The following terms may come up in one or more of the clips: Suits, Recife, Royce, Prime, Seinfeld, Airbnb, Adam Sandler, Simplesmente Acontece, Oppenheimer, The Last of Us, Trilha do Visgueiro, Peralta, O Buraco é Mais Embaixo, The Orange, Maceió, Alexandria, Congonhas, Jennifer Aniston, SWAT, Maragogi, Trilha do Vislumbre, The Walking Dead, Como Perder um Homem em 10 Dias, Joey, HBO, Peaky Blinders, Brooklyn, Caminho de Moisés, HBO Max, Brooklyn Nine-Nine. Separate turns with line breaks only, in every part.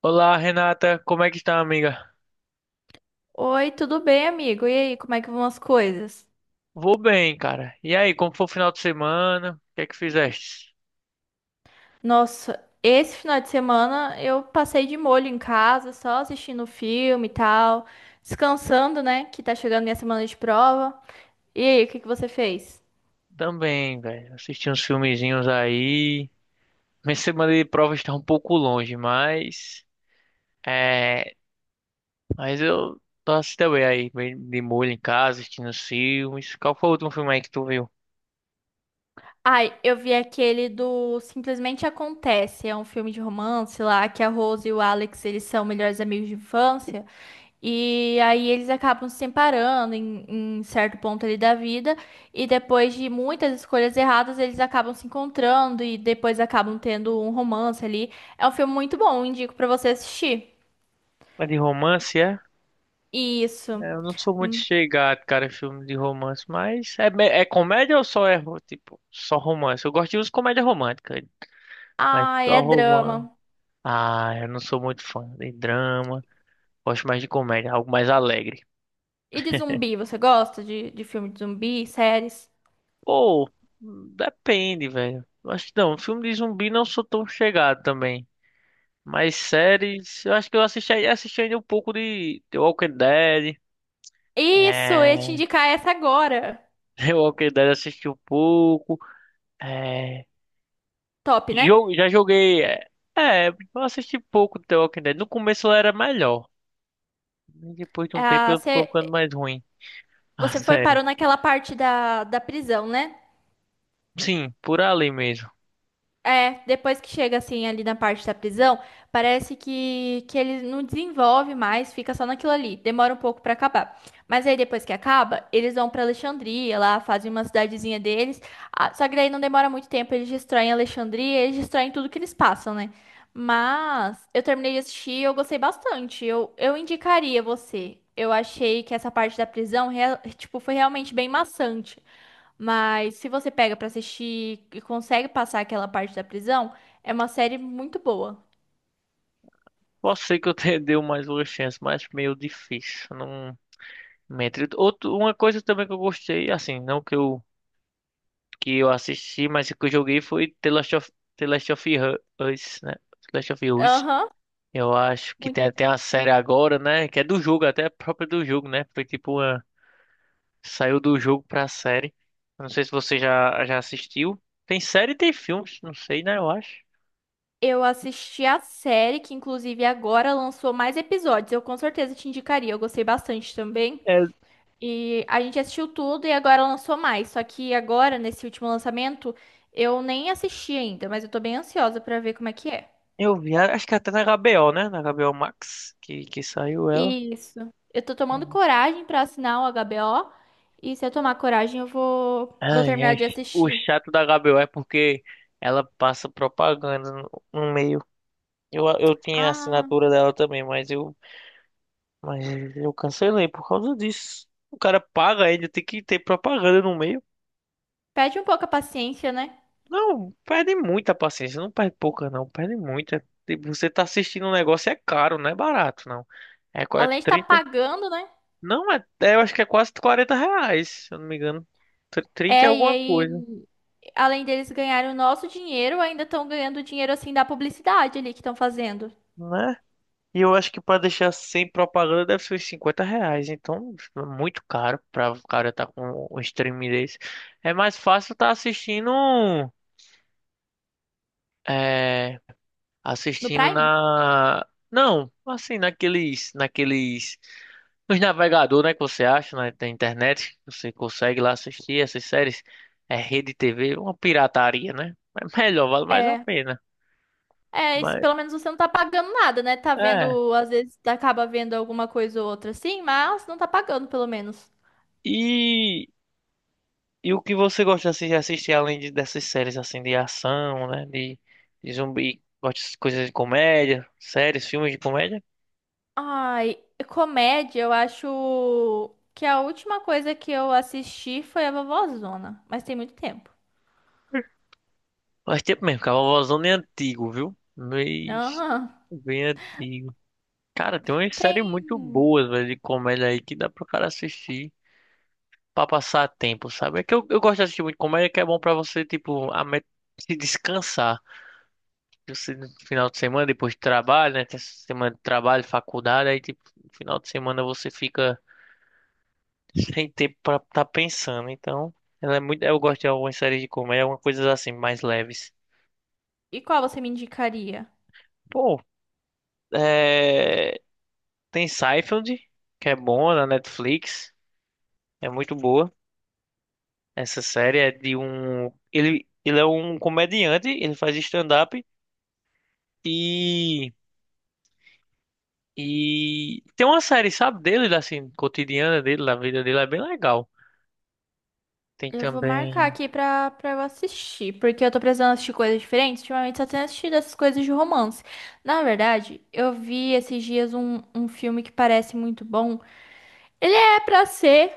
Olá, Renata, como é que está, amiga?
Oi, tudo bem, amigo? E aí, como é que vão as coisas?
Vou bem, cara. E aí, como foi o final de semana? O que é que fizeste?
Nossa, esse final de semana eu passei de molho em casa, só assistindo filme e tal, descansando, né? Que tá chegando minha semana de prova. E aí, o que que você fez?
Também, velho. Assisti uns filmezinhos aí. Minha semana de prova está um pouco longe, mas é, mas eu tô assistindo bem aí, bem de molho em casa, assistindo os filmes. Qual foi o último filme aí que tu viu?
Ai, eu vi aquele do Simplesmente Acontece, é um filme de romance lá, que a Rose e o Alex, eles são melhores amigos de infância. E aí eles acabam se separando em certo ponto ali da vida, e depois de muitas escolhas erradas, eles acabam se encontrando e depois acabam tendo um romance ali. É um filme muito bom, indico pra você assistir.
É de romance, é?
Isso.
Eu não sou muito chegado, cara, em filme de romance, mas é comédia ou só tipo, só romance? Eu gosto de uns comédia romântica, mas
Ai,
só
é
romance.
drama.
Ah, eu não sou muito fã de drama. Gosto mais de comédia, algo mais alegre.
E de zumbi, você gosta de filme de zumbi, séries?
Pô, depende, velho. Eu acho que não, filme de zumbi não sou tão chegado também. Mas séries, eu acho que eu assisti ainda um pouco de The Walking Dead.
Isso, eu ia te
É,
indicar essa agora.
The Walking Dead assisti um pouco. É,
Top, né?
jogo, já joguei. É, eu assisti pouco de The Walking Dead. No começo ela era melhor. Depois de um tempo
Ah,
eu ficou ficando mais ruim. A
você foi
série.
parou naquela parte da prisão, né?
Sim, por ali mesmo.
É, depois que chega assim ali na parte da prisão, parece que ele não desenvolve mais, fica só naquilo ali. Demora um pouco pra acabar. Mas aí depois que acaba, eles vão pra Alexandria, lá fazem uma cidadezinha deles. Ah, só que daí não demora muito tempo, eles destroem Alexandria, eles destroem tudo que eles passam, né? Mas eu terminei de assistir, e eu gostei bastante. Eu indicaria você. Eu achei que essa parte da prisão, tipo, foi realmente bem maçante. Mas se você pega pra assistir e consegue passar aquela parte da prisão, é uma série muito boa.
Pode ser que eu te dê mais uma chance, mas meio difícil. Não mente. Outro, uma coisa também que eu gostei, assim, não que eu assisti, mas que eu joguei foi The Last of Us, né? The Last of Us.
Aham.
Eu acho que
Muito.
tem até uma série agora, né? Que é do jogo, até própria do jogo, né? Foi tipo uma, saiu do jogo pra série. Eu Não sei se você já assistiu. Tem série e tem filmes, não sei, né? Eu acho.
Eu assisti a série que inclusive agora lançou mais episódios. Eu com certeza te indicaria. Eu gostei bastante também.
É,
E a gente assistiu tudo e agora lançou mais. Só que agora nesse último lançamento eu nem assisti ainda, mas eu tô bem ansiosa pra ver como é que é.
eu vi, acho que até na HBO, né? Na HBO Max, que saiu ela.
Isso. Eu tô tomando coragem pra assinar o HBO e se eu tomar coragem eu vou
Ai,
terminar
ai.
de
O
assistir.
chato da HBO é porque ela passa propaganda no meio. Eu tinha a
Ah,
assinatura dela também, mas mas eu cancelei por causa disso. O cara paga, ainda tem que ter propaganda no meio.
perde um pouco a paciência, né?
Não, perde muita paciência. Não perde pouca, não. Perde muita. Tipo, você tá assistindo um negócio, é caro, não é barato, não. É quase
Além de estar
30.
pagando, né?
Não, é, eu acho que é quase R$ 40, se eu não me engano. 30 e
É, e
alguma
aí,
coisa,
além deles ganharem o nosso dinheiro, ainda estão ganhando o dinheiro assim da publicidade ali que estão fazendo
né? E eu acho que pra deixar sem propaganda deve ser uns R$ 50. Então, é muito caro pra o cara tá com um streaming desse. É mais fácil tá assistindo. É,
no
assistindo
Prime?
na. Não, assim, naqueles. Naqueles. Nos navegadores, né? Que você acha na internet. Você consegue lá assistir essas séries. É rede TV, uma pirataria, né? É melhor, vale mais a
É.
pena.
É, esse-
Mas,
pelo menos você não tá pagando nada, né? Tá
é.
vendo, às vezes acaba vendo alguma coisa ou outra assim, mas não tá pagando pelo menos.
E. E o que você gosta assim, de assistir além de, dessas séries assim de ação, né? De zumbi, gosta de coisas de comédia, séries, filmes de comédia?
Ai, comédia, eu acho que a última coisa que eu assisti foi a Vovozona, mas tem muito tempo.
Faz tempo mesmo, Cavalvozão é antigo, viu? Mas
Aham.
bem antigo. Cara, tem umas séries
Tem.
muito boas, velho, de comédia aí que dá pro cara assistir pra passar tempo, sabe? É que eu gosto de assistir muito comédia que é bom pra você, tipo, se descansar. Você, no final de semana, depois de trabalho, né? Tem essa semana de trabalho, faculdade, aí, tipo, no final de semana você fica sem tempo pra estar pensando. Então, ela é muito. Eu
E
gosto de algumas séries de comédia, algumas coisas assim, mais leves.
qual você me indicaria?
Pô, é, tem Seinfeld, que é bom na Netflix. É muito boa. Essa série é de um. Ele é um comediante, ele faz stand-up e. E tem uma série, sabe, dele, assim, cotidiana dele, da vida dele, é bem legal. Tem
Eu vou marcar
também.
aqui pra eu assistir, porque eu tô precisando assistir coisas diferentes. Ultimamente só tenho assistido essas coisas de romance. Na verdade, eu vi esses dias um filme que parece muito bom. Ele é pra ser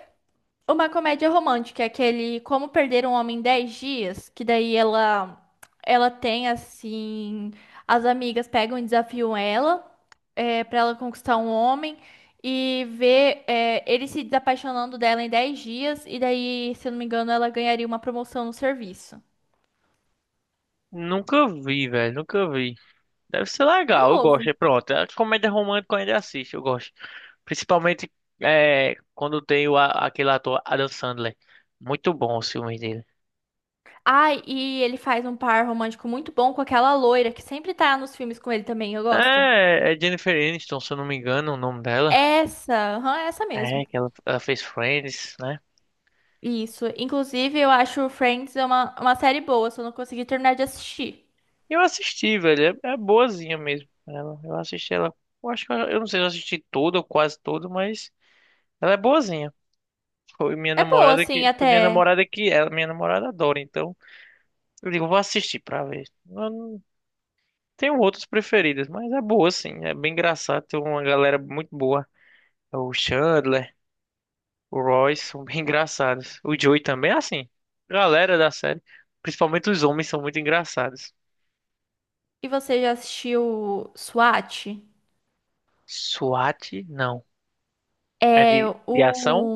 uma comédia romântica, aquele Como Perder um Homem em 10 Dias, que daí ela tem assim. As amigas pegam e desafiam ela para ela conquistar um homem e ver ele se desapaixonando dela em 10 dias, e daí, se eu não me engano, ela ganharia uma promoção no serviço.
Nunca vi, velho, nunca vi. Deve ser
É
legal, eu gosto.
novo.
E pronto, a comédia romântica eu ainda assisto, eu gosto. Principalmente quando tem aquele ator Adam Sandler. Muito bom os filmes dele.
Ai, e ele faz um par romântico muito bom com aquela loira que sempre tá nos filmes com ele também, eu gosto.
É, Jennifer Aniston, se eu não me engano, o nome dela.
Essa, aham, essa mesmo.
É, que ela fez Friends, né?
Isso. Inclusive, eu acho Friends é uma série boa, só não consegui terminar de assistir.
Eu assisti, velho. É, boazinha mesmo. Ela, eu assisti ela. Eu acho que eu não sei se eu assisti tudo ou quase tudo, mas ela é boazinha. Foi minha
É boa,
namorada
assim,
que. Foi minha
até.
namorada que ela, minha namorada adora, então. Eu digo, vou assistir pra ver. Tenho outros preferidas mas é boa, sim. É bem engraçado. Tem uma galera muito boa. É, o Chandler, o Royce são bem engraçados. O Joey também é assim. Galera da série, principalmente os homens, são muito engraçados.
E você já assistiu SWAT?
SWAT, não. É
É
de
o.
ação?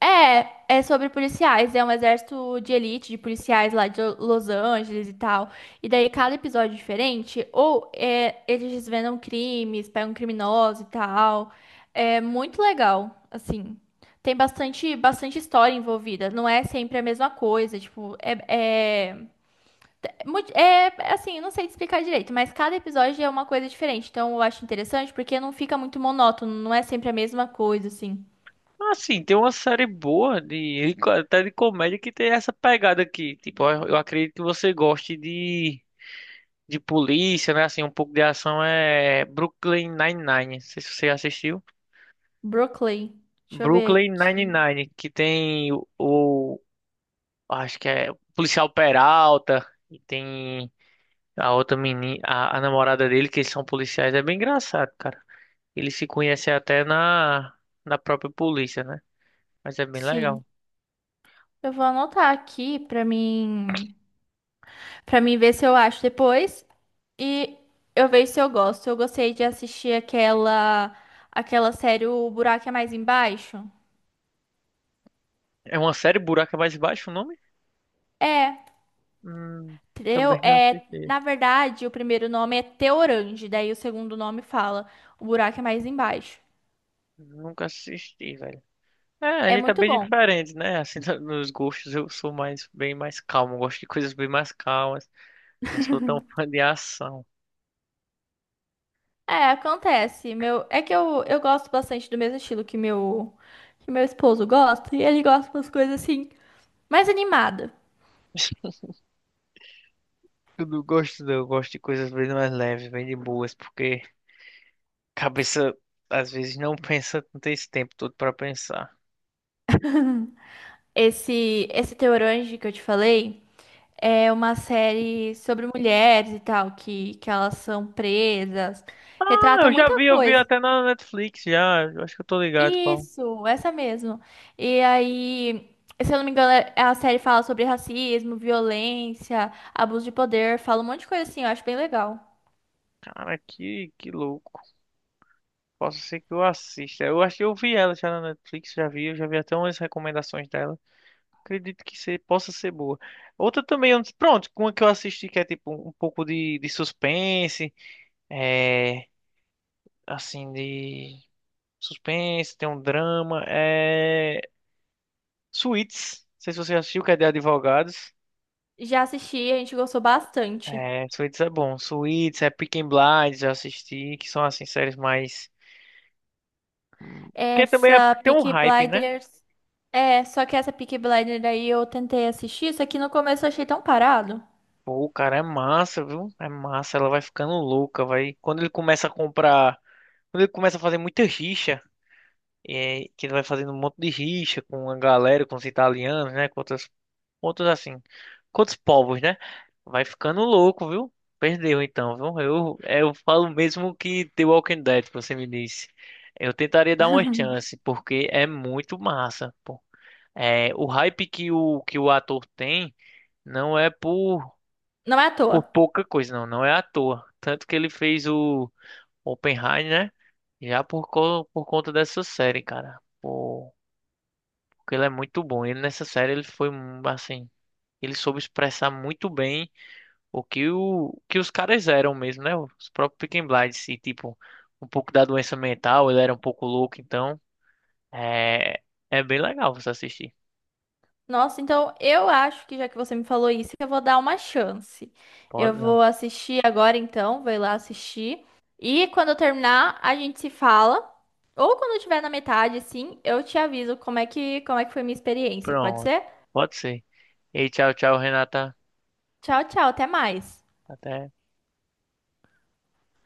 É, é sobre policiais, é um exército de elite de policiais lá de Los Angeles e tal. E daí cada episódio é diferente, ou é, eles desvendam crimes, pegam criminosos e tal. É muito legal, assim. Tem bastante história envolvida, não é sempre a mesma coisa, tipo, é, é assim, não sei te explicar direito, mas cada episódio é uma coisa diferente, então eu acho interessante porque não fica muito monótono, não é sempre a mesma coisa, assim.
Assim, tem uma série boa, de, até de comédia, que tem essa pegada aqui. Tipo, eu acredito que você goste de polícia, né? Assim, um pouco de ação é Brooklyn Nine-Nine. Não sei se você assistiu.
Brooklyn. Deixa eu ver
Brooklyn
aqui.
Nine-Nine, que tem acho que é o policial Peralta e tem a outra menina, a namorada dele, que eles são policiais, é bem engraçado, cara. Eles se conhecem até na própria polícia, né? Mas é bem
Sim.
legal.
Eu vou anotar aqui pra mim, para mim ver se eu acho depois e eu vejo se eu gosto. Eu gostei de assistir aquela série O Buraco é Mais Embaixo.
É uma série Buraco é Mais Baixo, o nome?
É,
Hum, também não assisti.
na verdade, o primeiro nome é Teorange, daí o segundo nome fala O Buraco é Mais Embaixo.
Nunca assisti, velho. É, a
É
gente tá
muito
bem
bom.
diferente, né? Assim, nos gostos eu sou mais bem mais calmo, gosto de coisas bem mais calmas. Não sou tão fã de ação.
É, acontece. Meu, é que eu gosto bastante do mesmo estilo que meu esposo gosta, e ele gosta das coisas assim mais animada.
Eu não gosto, não. Eu gosto de coisas bem mais leves, bem de boas, porque a cabeça às vezes não pensa, não tem esse tempo todo pra pensar.
Esse, The Orange que eu te falei é uma série sobre mulheres e tal, que elas são presas,
Ah,
retrata
eu já
muita
vi, eu vi
coisa.
até na Netflix já. Eu acho que eu tô ligado qual.
Isso, essa mesmo. E aí, se eu não me engano, é- a série fala sobre racismo, violência, abuso de poder, fala um monte de coisa assim, eu acho bem legal.
Cara, que louco. Posso ser que eu assista. Eu acho que eu vi ela já na Netflix, já vi, eu já vi até umas recomendações dela. Acredito que se, possa ser boa. Outra também, eu não- pronto, uma que eu assisti que é tipo um pouco de suspense, é assim, de. Suspense, tem um drama. É. Suits. Não sei se você já assistiu, que é de advogados.
Já assisti, a gente gostou bastante.
É, Suits é bom. Suits, é Peaky Blinders, já assisti, que são assim séries mais. Porque também
Essa
tem um
Peaky
hype, né?
Blinders. É, só que essa Peaky Blinders aí eu tentei assistir, só que no começo eu achei tão parado.
Pô, o cara é massa, viu? É massa, ela vai ficando louca, vai. Quando ele começa a comprar. Quando ele começa a fazer muita rixa. É, que ele vai fazendo um monte de rixa com a galera, com os italianos, né? Com outras, outros assim, com outros povos, né? Vai ficando louco, viu? Perdeu então, viu? Eu falo mesmo que The Walking Dead, que você me disse. Eu tentaria dar uma chance, porque é muito massa, pô. É, o hype que o ator tem não é por,
Não é à
por
toa.
pouca coisa, não. Não é à toa. Tanto que ele fez o Oppenheimer, né? Já por conta dessa série, cara. Pô. Porque ele é muito bom. Ele nessa série ele foi um, assim, ele soube expressar muito bem o que os caras eram mesmo, né? Os próprios Peaky Blinders e tipo um pouco da doença mental, ele era um pouco louco, então é é bem legal você assistir.
Nossa, então eu acho que já que você me falou isso, eu vou dar uma chance. Eu
Pode,
vou assistir agora então, vou ir lá assistir. E quando eu terminar, a gente se fala. Ou quando eu tiver na metade, sim, eu te aviso como é que foi minha experiência. Pode
pronto.
ser?
Pode ser. E tchau, tchau, Renata.
Tchau, tchau, até mais.
Até